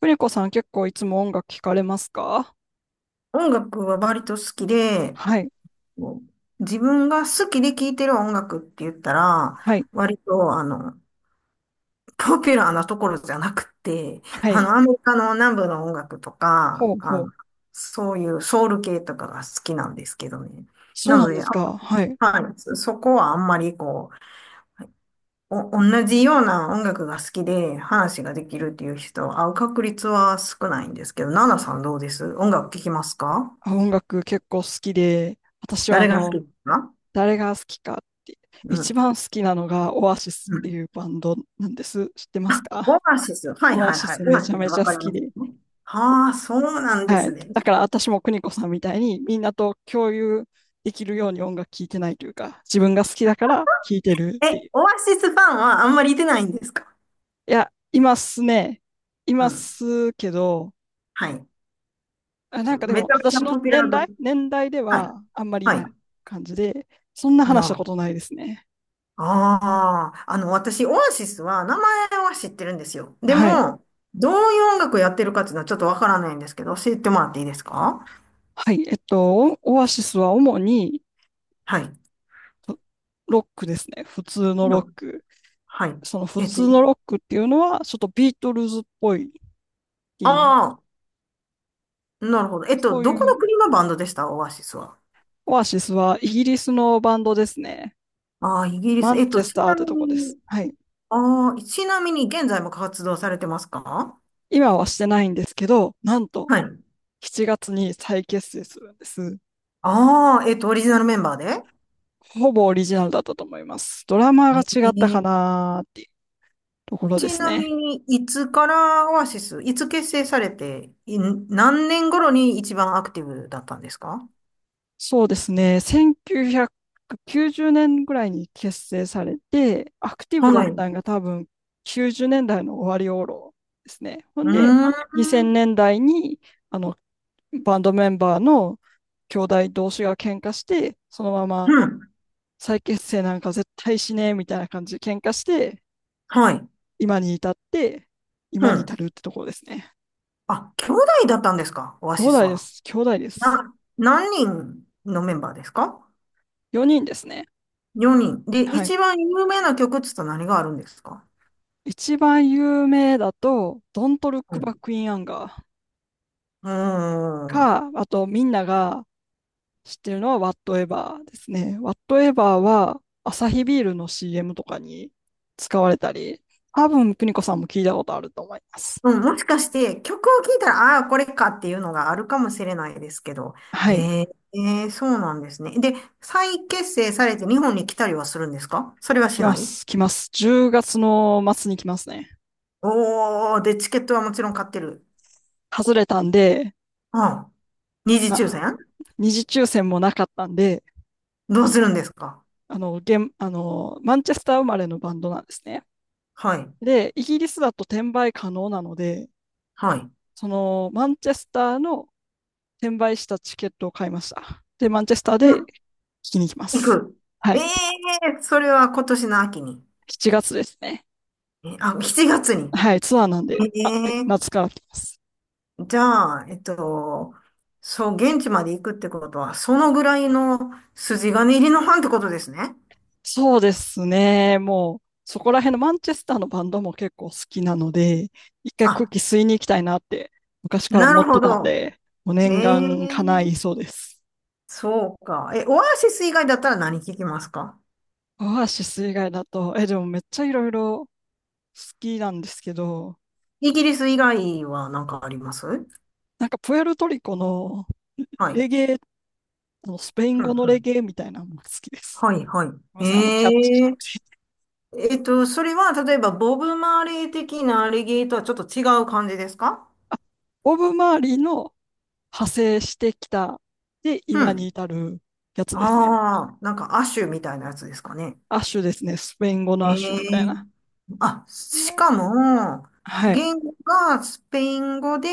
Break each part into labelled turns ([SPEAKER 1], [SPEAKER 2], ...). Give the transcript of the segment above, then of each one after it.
[SPEAKER 1] プリコさん結構いつも音楽聞かれますか？
[SPEAKER 2] 音楽は割と好きで、
[SPEAKER 1] はい、
[SPEAKER 2] こう自分が好きで聴いてる音楽って言ったら、
[SPEAKER 1] はい、
[SPEAKER 2] 割と、ポピュラーなところじゃなくて、
[SPEAKER 1] はい。
[SPEAKER 2] アメリカの南部の音楽と
[SPEAKER 1] ほ
[SPEAKER 2] か、
[SPEAKER 1] うほう。
[SPEAKER 2] そういうソウル系とかが好きなんですけどね。
[SPEAKER 1] そう
[SPEAKER 2] な
[SPEAKER 1] な
[SPEAKER 2] の
[SPEAKER 1] んで
[SPEAKER 2] で、
[SPEAKER 1] すか。はい。
[SPEAKER 2] はい、そこはあんまり同じような音楽が好きで話ができるっていう人は会う確率は少ないんですけど、ナナさんどうです、音楽聴きますか？
[SPEAKER 1] あ、音楽結構好きで、私は
[SPEAKER 2] 誰が好きですか？
[SPEAKER 1] 誰が好きかって、
[SPEAKER 2] う
[SPEAKER 1] 一
[SPEAKER 2] ん。
[SPEAKER 1] 番好きなのがオアシス
[SPEAKER 2] う
[SPEAKER 1] って
[SPEAKER 2] ん、
[SPEAKER 1] いうバンドなんです。知ってます
[SPEAKER 2] オ
[SPEAKER 1] か？
[SPEAKER 2] アシス。はい
[SPEAKER 1] オア
[SPEAKER 2] はい
[SPEAKER 1] シ
[SPEAKER 2] はい。
[SPEAKER 1] ス
[SPEAKER 2] オ
[SPEAKER 1] め
[SPEAKER 2] アシ
[SPEAKER 1] ちゃ
[SPEAKER 2] ス、
[SPEAKER 1] めち
[SPEAKER 2] わ
[SPEAKER 1] ゃ好
[SPEAKER 2] かり
[SPEAKER 1] き
[SPEAKER 2] ます。
[SPEAKER 1] で。
[SPEAKER 2] はあ、そうなんで
[SPEAKER 1] は
[SPEAKER 2] す
[SPEAKER 1] い。
[SPEAKER 2] ね。
[SPEAKER 1] だから私も邦子さんみたいにみんなと共有できるように音楽聴いてないというか、自分が好きだから聴いてる
[SPEAKER 2] え、
[SPEAKER 1] ってい
[SPEAKER 2] オ
[SPEAKER 1] う。
[SPEAKER 2] アシスファンはあんまりいてないんですか？
[SPEAKER 1] いや、いますね。い
[SPEAKER 2] う
[SPEAKER 1] ま
[SPEAKER 2] ん。
[SPEAKER 1] すけど、
[SPEAKER 2] はい。
[SPEAKER 1] あ、なんかで
[SPEAKER 2] め
[SPEAKER 1] も、
[SPEAKER 2] ちゃめちゃ
[SPEAKER 1] 私の
[SPEAKER 2] ポピュラ
[SPEAKER 1] 年
[SPEAKER 2] ード。
[SPEAKER 1] 代、年代で
[SPEAKER 2] はい。
[SPEAKER 1] はあんまりい
[SPEAKER 2] は
[SPEAKER 1] ない
[SPEAKER 2] い。
[SPEAKER 1] 感じで、そんな
[SPEAKER 2] な
[SPEAKER 1] 話した
[SPEAKER 2] るほ
[SPEAKER 1] こ
[SPEAKER 2] ど。
[SPEAKER 1] とないですね。
[SPEAKER 2] ああ、私、オアシスは名前は知ってるんですよ。で
[SPEAKER 1] はい。
[SPEAKER 2] も、どういう音楽やってるかっていうのはちょっとわからないんですけど、教えてもらっていいですか？
[SPEAKER 1] はい。オアシスは主に
[SPEAKER 2] はい。
[SPEAKER 1] ロロックですね。普通のロッ
[SPEAKER 2] の
[SPEAKER 1] ク。
[SPEAKER 2] はい。
[SPEAKER 1] その普
[SPEAKER 2] えっと、
[SPEAKER 1] 通のロックっていうのは、ちょっとビートルズっぽいっていう。
[SPEAKER 2] ああ、なるほど。えっと、
[SPEAKER 1] そう
[SPEAKER 2] どこの
[SPEAKER 1] いう、
[SPEAKER 2] 国のバンドでしたオアシスは。
[SPEAKER 1] オアシスはイギリスのバンドですね。
[SPEAKER 2] ああ、イギリ
[SPEAKER 1] マ
[SPEAKER 2] ス。
[SPEAKER 1] ン
[SPEAKER 2] えっ
[SPEAKER 1] チ
[SPEAKER 2] と、
[SPEAKER 1] ェス
[SPEAKER 2] ち
[SPEAKER 1] ターっ
[SPEAKER 2] な
[SPEAKER 1] て
[SPEAKER 2] み
[SPEAKER 1] とこです。
[SPEAKER 2] に、
[SPEAKER 1] はい。
[SPEAKER 2] ああ、ちなみに現在も活動されてますか？
[SPEAKER 1] 今はしてないんですけど、なんと
[SPEAKER 2] はい。
[SPEAKER 1] 7月に再結成するんです。
[SPEAKER 2] ああ、えっと、オリジナルメンバーで？
[SPEAKER 1] ほぼオリジナルだったと思います。ドラマが
[SPEAKER 2] え
[SPEAKER 1] 違ったか
[SPEAKER 2] ー、
[SPEAKER 1] なーっていうところで
[SPEAKER 2] ち
[SPEAKER 1] す
[SPEAKER 2] な
[SPEAKER 1] ね。
[SPEAKER 2] みに、いつからオアシス、いつ結成されて、何年頃に一番アクティブだったんですか？
[SPEAKER 1] そうですね。1990年ぐらいに結成されて、アクティブだ
[SPEAKER 2] は
[SPEAKER 1] っ
[SPEAKER 2] い。
[SPEAKER 1] た
[SPEAKER 2] う
[SPEAKER 1] のが多分90年代の終わり頃ですね。ほん
[SPEAKER 2] ー
[SPEAKER 1] で、
[SPEAKER 2] ん。
[SPEAKER 1] 2000年代にあのバンドメンバーの兄弟同士が喧嘩して、そのまま
[SPEAKER 2] うん。
[SPEAKER 1] 再結成なんか絶対しねえみたいな感じで喧嘩して、
[SPEAKER 2] はい。
[SPEAKER 1] 今に至って、
[SPEAKER 2] う
[SPEAKER 1] 今に至
[SPEAKER 2] ん。
[SPEAKER 1] るってところですね。
[SPEAKER 2] あ、兄弟だったんですかオア
[SPEAKER 1] 兄
[SPEAKER 2] シス
[SPEAKER 1] 弟で
[SPEAKER 2] は。
[SPEAKER 1] す。兄弟です。
[SPEAKER 2] 何人のメンバーですか？
[SPEAKER 1] 4人ですね。
[SPEAKER 2] 4 人。で、
[SPEAKER 1] はい。
[SPEAKER 2] 一番有名な曲っつったら何があるんですか？
[SPEAKER 1] 一番有名だと、Don't Look Back in Anger
[SPEAKER 2] うん。
[SPEAKER 1] か、あとみんなが知ってるのは Whatever ですね。Whatever はアサヒビールの CM とかに使われたり、多分邦子さんも聞いたことあると思います。
[SPEAKER 2] うん、もしかして曲を聴いたら、ああー、これかっていうのがあるかもしれないですけど。
[SPEAKER 1] は
[SPEAKER 2] え
[SPEAKER 1] い。
[SPEAKER 2] ー、えーそうなんですね。で、再結成されて日本に来たりはするんですか？それは
[SPEAKER 1] 来
[SPEAKER 2] し
[SPEAKER 1] ま
[SPEAKER 2] ない？
[SPEAKER 1] す。来ます。10月の末に来ますね。
[SPEAKER 2] おー、で、チケットはもちろん買ってる。
[SPEAKER 1] 外れたんで、
[SPEAKER 2] ああ、二次
[SPEAKER 1] ま
[SPEAKER 2] 抽
[SPEAKER 1] あ、
[SPEAKER 2] 選？
[SPEAKER 1] 二次抽選もなかったんで、
[SPEAKER 2] どうするんですか？
[SPEAKER 1] あの、ゲンあの、マンチェスター生まれのバンドなんですね。
[SPEAKER 2] はい、
[SPEAKER 1] で、イギリスだと転売可能なので、
[SPEAKER 2] はい。
[SPEAKER 1] そのマンチェスターの転売したチケットを買いました。で、マンチェスター
[SPEAKER 2] で
[SPEAKER 1] で聞
[SPEAKER 2] も
[SPEAKER 1] きに行きま
[SPEAKER 2] 行
[SPEAKER 1] す。
[SPEAKER 2] く。
[SPEAKER 1] は
[SPEAKER 2] え
[SPEAKER 1] い。
[SPEAKER 2] え、それは今年の秋に。
[SPEAKER 1] 7月ですね。
[SPEAKER 2] えあ、7月に。
[SPEAKER 1] はい、ツアーなんで、あ、はい
[SPEAKER 2] ええ、
[SPEAKER 1] 夏から来ます。
[SPEAKER 2] じゃあ、えっと、そう、現地まで行くってことは、そのぐらいの筋金入りのファンってことですね。
[SPEAKER 1] そうですね。もう、そこら辺のマンチェスターのバンドも結構好きなので、一回空
[SPEAKER 2] あ、
[SPEAKER 1] 気吸いに行きたいなって昔から
[SPEAKER 2] な
[SPEAKER 1] 思っ
[SPEAKER 2] る
[SPEAKER 1] て
[SPEAKER 2] ほ
[SPEAKER 1] たん
[SPEAKER 2] ど。
[SPEAKER 1] で、もう
[SPEAKER 2] え
[SPEAKER 1] 念願叶い
[SPEAKER 2] え、
[SPEAKER 1] そうです。
[SPEAKER 2] そうか。え、オアシス以外だったら何聞きますか？
[SPEAKER 1] オアシス以外だと、でもめっちゃいろいろ好きなんですけど、
[SPEAKER 2] イギリス以外は何かあります？
[SPEAKER 1] なんかプエルトリコの
[SPEAKER 2] はい。
[SPEAKER 1] レゲエ、あのスペイン
[SPEAKER 2] うん
[SPEAKER 1] 語の
[SPEAKER 2] う
[SPEAKER 1] レ
[SPEAKER 2] ん。
[SPEAKER 1] ゲエみたいなのも好きです。す
[SPEAKER 2] はい、はい。
[SPEAKER 1] みません、キャッ
[SPEAKER 2] ええ、
[SPEAKER 1] チ。
[SPEAKER 2] えっと、それは、例えば、ボブ・マーレー的なアレゲーとはちょっと違う感じですか？
[SPEAKER 1] あボブ・マーリーの派生してきた、で、
[SPEAKER 2] う
[SPEAKER 1] 今に
[SPEAKER 2] ん。
[SPEAKER 1] 至るやつですね。
[SPEAKER 2] ああ、なんか、アッシュみたいなやつですかね。
[SPEAKER 1] アッシュですね。スペイン語のアッシュ
[SPEAKER 2] え
[SPEAKER 1] みたい
[SPEAKER 2] え、
[SPEAKER 1] な。
[SPEAKER 2] あ、
[SPEAKER 1] いや
[SPEAKER 2] しか
[SPEAKER 1] ー、
[SPEAKER 2] も、
[SPEAKER 1] はい。
[SPEAKER 2] 言語がスペイン語で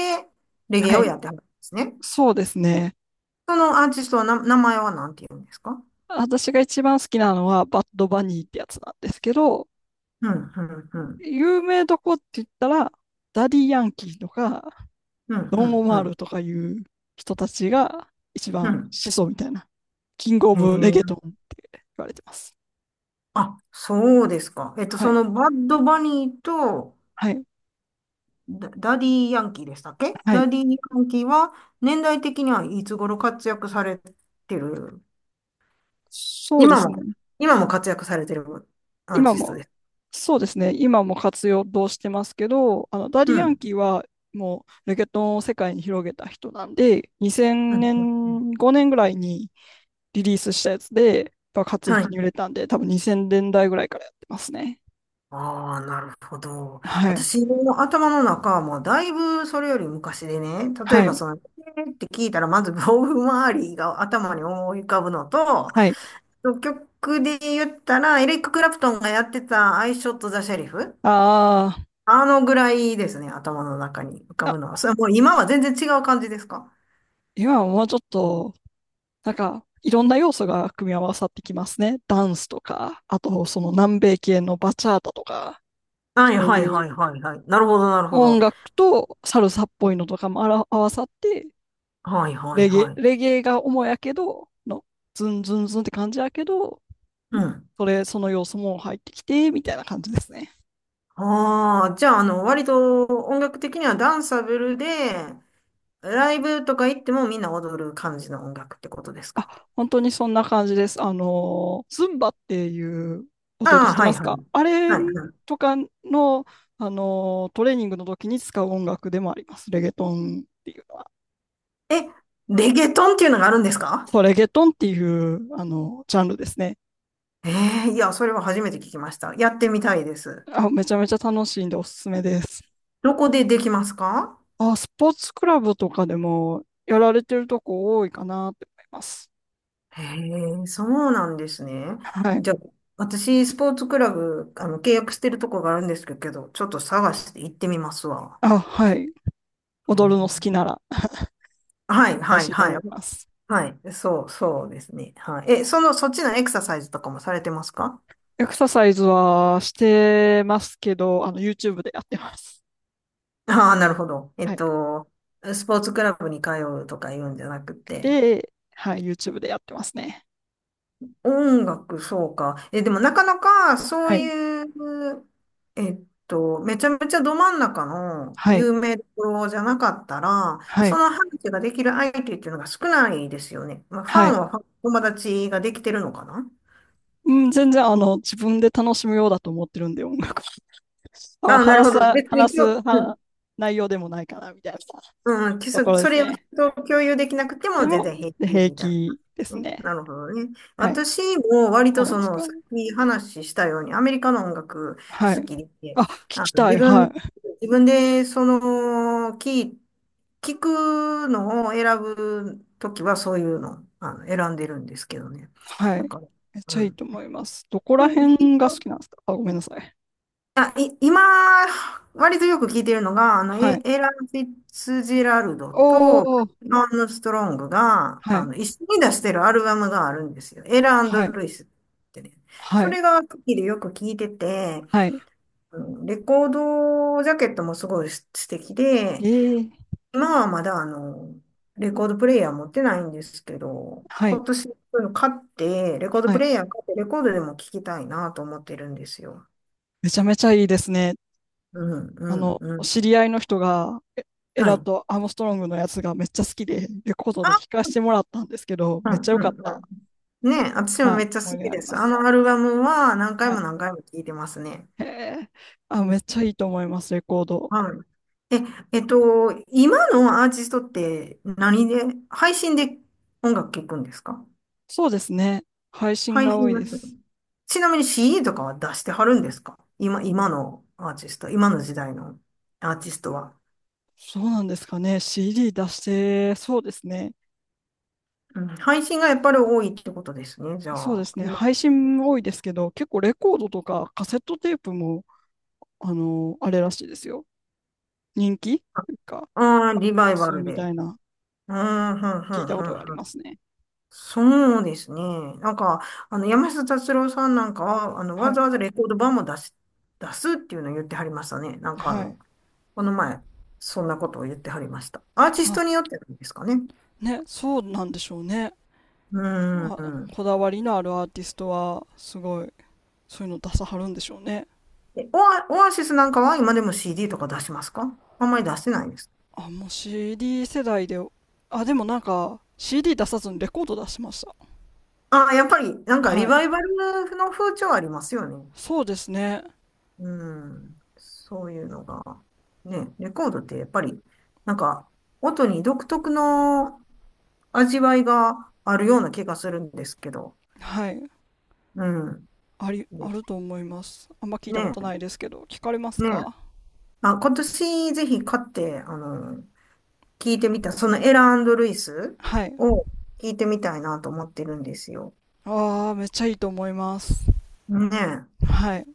[SPEAKER 2] レゲエ
[SPEAKER 1] は
[SPEAKER 2] を
[SPEAKER 1] い。
[SPEAKER 2] やってはるんですね。
[SPEAKER 1] そうですね。
[SPEAKER 2] そのアーティストは名前は何て言うんですか？
[SPEAKER 1] 私が一番好きなのは、バッド・バニーってやつなんですけど、
[SPEAKER 2] うん、うん、うん。
[SPEAKER 1] 有名どこって言ったら、ダディ・ヤンキーとか、
[SPEAKER 2] うん、
[SPEAKER 1] ロ
[SPEAKER 2] う
[SPEAKER 1] ン・
[SPEAKER 2] ん、
[SPEAKER 1] オ
[SPEAKER 2] う
[SPEAKER 1] マー
[SPEAKER 2] ん。
[SPEAKER 1] ルとかいう人たちが一
[SPEAKER 2] う
[SPEAKER 1] 番
[SPEAKER 2] ん、
[SPEAKER 1] 始祖みたいな、キング・オ
[SPEAKER 2] へ
[SPEAKER 1] ブ・レゲ
[SPEAKER 2] え。
[SPEAKER 1] トン言われてます。
[SPEAKER 2] あ、そうですか。えっと、
[SPEAKER 1] は
[SPEAKER 2] そ
[SPEAKER 1] い。
[SPEAKER 2] のバッドバニーと
[SPEAKER 1] はい。
[SPEAKER 2] ダディ・ヤンキーでしたっけ、
[SPEAKER 1] はい。
[SPEAKER 2] ダディ・ヤンキーは年代的にはいつ頃活躍されてる？
[SPEAKER 1] そうで
[SPEAKER 2] 今
[SPEAKER 1] す
[SPEAKER 2] も、
[SPEAKER 1] ね。
[SPEAKER 2] 今も活躍されてるアー
[SPEAKER 1] 今
[SPEAKER 2] ティスト
[SPEAKER 1] も、
[SPEAKER 2] です。
[SPEAKER 1] そうですね。今も活用してますけど、ダ
[SPEAKER 2] う
[SPEAKER 1] リ・ヤン
[SPEAKER 2] ん。
[SPEAKER 1] キーはもうレゲトンを世界に広げた人なんで、
[SPEAKER 2] う
[SPEAKER 1] 2000
[SPEAKER 2] ん、うんうん、
[SPEAKER 1] 年、5年ぐらいにリリースしたやつで、やっぱ活
[SPEAKER 2] はい。
[SPEAKER 1] 躍に売れたんで、多分2000年代ぐらいからやってますね。
[SPEAKER 2] ああ、なるほど。
[SPEAKER 1] はい。
[SPEAKER 2] 私の頭の中はもうだいぶそれより昔でね、例え
[SPEAKER 1] は
[SPEAKER 2] ば
[SPEAKER 1] い。
[SPEAKER 2] その、えーって聞いたらまず ボブ・マーリーが頭に思い浮かぶのと、
[SPEAKER 1] はい。
[SPEAKER 2] 曲で言ったらエリック・クラプトンがやってたアイショット・ザ・シェリフ、
[SPEAKER 1] あ
[SPEAKER 2] あのぐらいですね、頭の中に浮か
[SPEAKER 1] ーあ、
[SPEAKER 2] ぶのは。それはもう今は全然違う感じですか？
[SPEAKER 1] 今はもうちょっとなんか、いろんな要素が組み合わさってきますね。ダンスとか、あとその南米系のバチャータとか、
[SPEAKER 2] はい
[SPEAKER 1] そう
[SPEAKER 2] はい
[SPEAKER 1] い
[SPEAKER 2] は
[SPEAKER 1] う
[SPEAKER 2] いはいはい。なるほどなるほ
[SPEAKER 1] 音
[SPEAKER 2] ど。
[SPEAKER 1] 楽とサルサっぽいのとかもあら合わさって、
[SPEAKER 2] はいはい
[SPEAKER 1] レゲエ、
[SPEAKER 2] はい。
[SPEAKER 1] レゲエが主やけど、の、ズンズンズンって感じやけど、
[SPEAKER 2] うん。
[SPEAKER 1] その要素も入ってきて、みたいな感じですね。
[SPEAKER 2] ああ、じゃあ、割と音楽的にはダンサブルで、ライブとか行ってもみんな踊る感じの音楽ってことですか？
[SPEAKER 1] あ、本当にそんな感じです。ズンバっていう踊り
[SPEAKER 2] ああ、
[SPEAKER 1] して
[SPEAKER 2] は
[SPEAKER 1] ま
[SPEAKER 2] いは
[SPEAKER 1] す
[SPEAKER 2] い。
[SPEAKER 1] か？あれ
[SPEAKER 2] はいはい。
[SPEAKER 1] とかの、トレーニングの時に使う音楽でもあります。レゲトンっていうのは。
[SPEAKER 2] え、レゲトンっていうのがあるんですか？
[SPEAKER 1] そう、レゲトンっていう、ジャンルですね。
[SPEAKER 2] ええ、いや、それは初めて聞きました。やってみたいです。
[SPEAKER 1] あ、めちゃめちゃ楽しいんでおすすめです。
[SPEAKER 2] どこでできますか？
[SPEAKER 1] あ、スポーツクラブとかでもやられてるとこ多いかなって思います。
[SPEAKER 2] へえ、そうなんですね。
[SPEAKER 1] はい。
[SPEAKER 2] じゃあ、私、スポーツクラブ、契約してるとこがあるんですけど、ちょっと探して行ってみますわ。
[SPEAKER 1] あ、はい。
[SPEAKER 2] へ
[SPEAKER 1] 踊るの好き
[SPEAKER 2] え、
[SPEAKER 1] なら
[SPEAKER 2] はい、
[SPEAKER 1] 楽
[SPEAKER 2] は
[SPEAKER 1] し
[SPEAKER 2] い、
[SPEAKER 1] いと
[SPEAKER 2] は
[SPEAKER 1] 思
[SPEAKER 2] い。
[SPEAKER 1] います。
[SPEAKER 2] はい。そう、そうですね。はい。え、その、そっちのエクササイズとかもされてますか？
[SPEAKER 1] エクササイズはしてますけど、YouTube でやってます。
[SPEAKER 2] ああ、なるほど。え
[SPEAKER 1] は
[SPEAKER 2] っ
[SPEAKER 1] い。
[SPEAKER 2] と、スポーツクラブに通うとか言うんじゃなくて、
[SPEAKER 1] で、はい、YouTube でやってますね。
[SPEAKER 2] 音楽、そうか。え、でもなかなかそ
[SPEAKER 1] は
[SPEAKER 2] う
[SPEAKER 1] い。
[SPEAKER 2] いう、えっと、めちゃめちゃど真ん中の
[SPEAKER 1] はい。
[SPEAKER 2] 有名どころじゃなかったら、
[SPEAKER 1] は
[SPEAKER 2] そ
[SPEAKER 1] い。
[SPEAKER 2] の話ができる相手っていうのが少ないですよね。まあ、ファ
[SPEAKER 1] はい。
[SPEAKER 2] ンはファン友達ができてるのかな？
[SPEAKER 1] うん、全然、自分で楽しむようだと思ってるんで、音楽は。まあ、
[SPEAKER 2] ああ、なる
[SPEAKER 1] 話
[SPEAKER 2] ほ
[SPEAKER 1] す、
[SPEAKER 2] ど。別に
[SPEAKER 1] 話す、
[SPEAKER 2] 今日、うん、
[SPEAKER 1] は内容でもないかな、みたいな
[SPEAKER 2] うん、
[SPEAKER 1] ところで
[SPEAKER 2] そ
[SPEAKER 1] す
[SPEAKER 2] れを
[SPEAKER 1] ね。
[SPEAKER 2] 人と共有できなくて
[SPEAKER 1] で
[SPEAKER 2] も全
[SPEAKER 1] も、
[SPEAKER 2] 然平
[SPEAKER 1] で
[SPEAKER 2] 気
[SPEAKER 1] 平
[SPEAKER 2] みたいな。
[SPEAKER 1] 気です
[SPEAKER 2] ね、
[SPEAKER 1] ね。
[SPEAKER 2] なるほどね。
[SPEAKER 1] はい。
[SPEAKER 2] 私も割
[SPEAKER 1] そ
[SPEAKER 2] と
[SPEAKER 1] うなん
[SPEAKER 2] そ
[SPEAKER 1] です
[SPEAKER 2] の、
[SPEAKER 1] か？
[SPEAKER 2] さっき話したように、アメリカの音楽
[SPEAKER 1] は
[SPEAKER 2] 好
[SPEAKER 1] い。
[SPEAKER 2] きで、
[SPEAKER 1] あ、聞きた
[SPEAKER 2] 自
[SPEAKER 1] い。
[SPEAKER 2] 分、
[SPEAKER 1] はい。
[SPEAKER 2] 自分でその、聞い、聞くのを選ぶときはそういうの、選んでるんですけどね。
[SPEAKER 1] は
[SPEAKER 2] なん
[SPEAKER 1] い。
[SPEAKER 2] か、
[SPEAKER 1] めっち
[SPEAKER 2] う
[SPEAKER 1] ゃいい
[SPEAKER 2] ん。
[SPEAKER 1] と思います。どこら
[SPEAKER 2] ひ
[SPEAKER 1] 辺が好
[SPEAKER 2] 人
[SPEAKER 1] きなんですか？あ、ごめんなさい。
[SPEAKER 2] 今、割とよく聞いてるのが、
[SPEAKER 1] はい。
[SPEAKER 2] エラン・フィッツジェラルド
[SPEAKER 1] お
[SPEAKER 2] と、
[SPEAKER 1] ー
[SPEAKER 2] ロン・ストロングが、
[SPEAKER 1] はい、
[SPEAKER 2] 一緒に出してるアルバムがあるんですよ。エラ
[SPEAKER 1] はい、
[SPEAKER 2] ルイスってね。
[SPEAKER 1] は
[SPEAKER 2] そ
[SPEAKER 1] い、
[SPEAKER 2] れが好きでよく聞いてて、
[SPEAKER 1] はい。
[SPEAKER 2] うん、レコードジャケットもすごい素敵で、
[SPEAKER 1] ええ、
[SPEAKER 2] 今はまだあの、レコードプレイヤー持ってないんですけど、
[SPEAKER 1] はい、
[SPEAKER 2] 今年そういうの買って、レコード
[SPEAKER 1] は
[SPEAKER 2] プ
[SPEAKER 1] い。
[SPEAKER 2] レイヤー買って、レコードでも聞きたいなと思ってるんですよ。
[SPEAKER 1] めちゃめちゃいいですね。
[SPEAKER 2] うん、うん、う
[SPEAKER 1] お知
[SPEAKER 2] ん。
[SPEAKER 1] り合いの人が、エエ
[SPEAKER 2] は
[SPEAKER 1] ラ
[SPEAKER 2] い。
[SPEAKER 1] とアームストロングのやつがめっちゃ好きで、レコードで
[SPEAKER 2] あ、
[SPEAKER 1] 聞かせてもらったんですけど、
[SPEAKER 2] う
[SPEAKER 1] めっち
[SPEAKER 2] ん
[SPEAKER 1] ゃ良
[SPEAKER 2] う
[SPEAKER 1] かっ
[SPEAKER 2] ん
[SPEAKER 1] た。
[SPEAKER 2] うん。ね、私も
[SPEAKER 1] はい、
[SPEAKER 2] めっちゃ
[SPEAKER 1] 思い
[SPEAKER 2] 好
[SPEAKER 1] 出
[SPEAKER 2] き
[SPEAKER 1] があ
[SPEAKER 2] で
[SPEAKER 1] りま
[SPEAKER 2] す。あ
[SPEAKER 1] す。
[SPEAKER 2] のアルバムは何回
[SPEAKER 1] はい。
[SPEAKER 2] も何回も聴いてますね。
[SPEAKER 1] へえ、あ、めっちゃいいと思います、レコード。
[SPEAKER 2] はい。え、えっと、今のアーティストって何で、配信で音楽聴くんですか？
[SPEAKER 1] そうですね。配信
[SPEAKER 2] 配
[SPEAKER 1] が多
[SPEAKER 2] 信
[SPEAKER 1] い
[SPEAKER 2] で
[SPEAKER 1] で
[SPEAKER 2] す。
[SPEAKER 1] す。
[SPEAKER 2] ちなみに CD とかは出してはるんですか、今、今のアーティスト、今の時代のアーティストは。
[SPEAKER 1] そうなんですかね。CD 出して、そうですね。
[SPEAKER 2] うん、配信がやっぱり多いってことですね。じゃ
[SPEAKER 1] そうで
[SPEAKER 2] あ、
[SPEAKER 1] すね。
[SPEAKER 2] 今、
[SPEAKER 1] 配信も多いですけど、結構レコードとかカセットテープもあれらしいですよ。人気が、
[SPEAKER 2] ああリバイバ
[SPEAKER 1] そう
[SPEAKER 2] ル
[SPEAKER 1] みた
[SPEAKER 2] で。
[SPEAKER 1] いな、
[SPEAKER 2] うん、うん、う
[SPEAKER 1] 聞い
[SPEAKER 2] ん、
[SPEAKER 1] た
[SPEAKER 2] う
[SPEAKER 1] ことがあり
[SPEAKER 2] ん、うん。
[SPEAKER 1] ますね。
[SPEAKER 2] そうですね。なんか、山下達郎さんなんかは、わ
[SPEAKER 1] はい。
[SPEAKER 2] ざわざレコード版も出す、出すっていうのを言ってはりましたね。なんかあ
[SPEAKER 1] はい。
[SPEAKER 2] の、この前、そんなことを言ってはりました。アーティスト
[SPEAKER 1] あ、
[SPEAKER 2] によってなんですかね。
[SPEAKER 1] ね、そうなんでしょうね。
[SPEAKER 2] うー
[SPEAKER 1] あ、
[SPEAKER 2] ん。
[SPEAKER 1] こだわりのあるアーティストは、すごい、そういうの出さはるんでしょうね。
[SPEAKER 2] え、オアシスなんかは今でも CD とか出しますか、あんまり出してないです。
[SPEAKER 1] あ、もう CD 世代で、あ、でもなんか、CD 出さずにレコード出しました。
[SPEAKER 2] ああ、やっぱり、なんかリ
[SPEAKER 1] はい。
[SPEAKER 2] バイバルの風潮ありますよね。
[SPEAKER 1] そうですね。
[SPEAKER 2] うん。そういうのが。ね、レコードってやっぱり、なんか、音に独特の味わいがあるような気がするんですけど。
[SPEAKER 1] はい。
[SPEAKER 2] うん。
[SPEAKER 1] あり、あ
[SPEAKER 2] で、
[SPEAKER 1] ると思います。あんま聞い
[SPEAKER 2] ね
[SPEAKER 1] た
[SPEAKER 2] え、
[SPEAKER 1] ことないですけど、聞かれます
[SPEAKER 2] え、ね
[SPEAKER 1] か？
[SPEAKER 2] あ、今年ぜひ買って、聞いてみた、そのエラルイス
[SPEAKER 1] はい。
[SPEAKER 2] を聞いてみたいなと思ってるんですよ。
[SPEAKER 1] ああ、めっちゃいいと思います。
[SPEAKER 2] ねえ。
[SPEAKER 1] はい。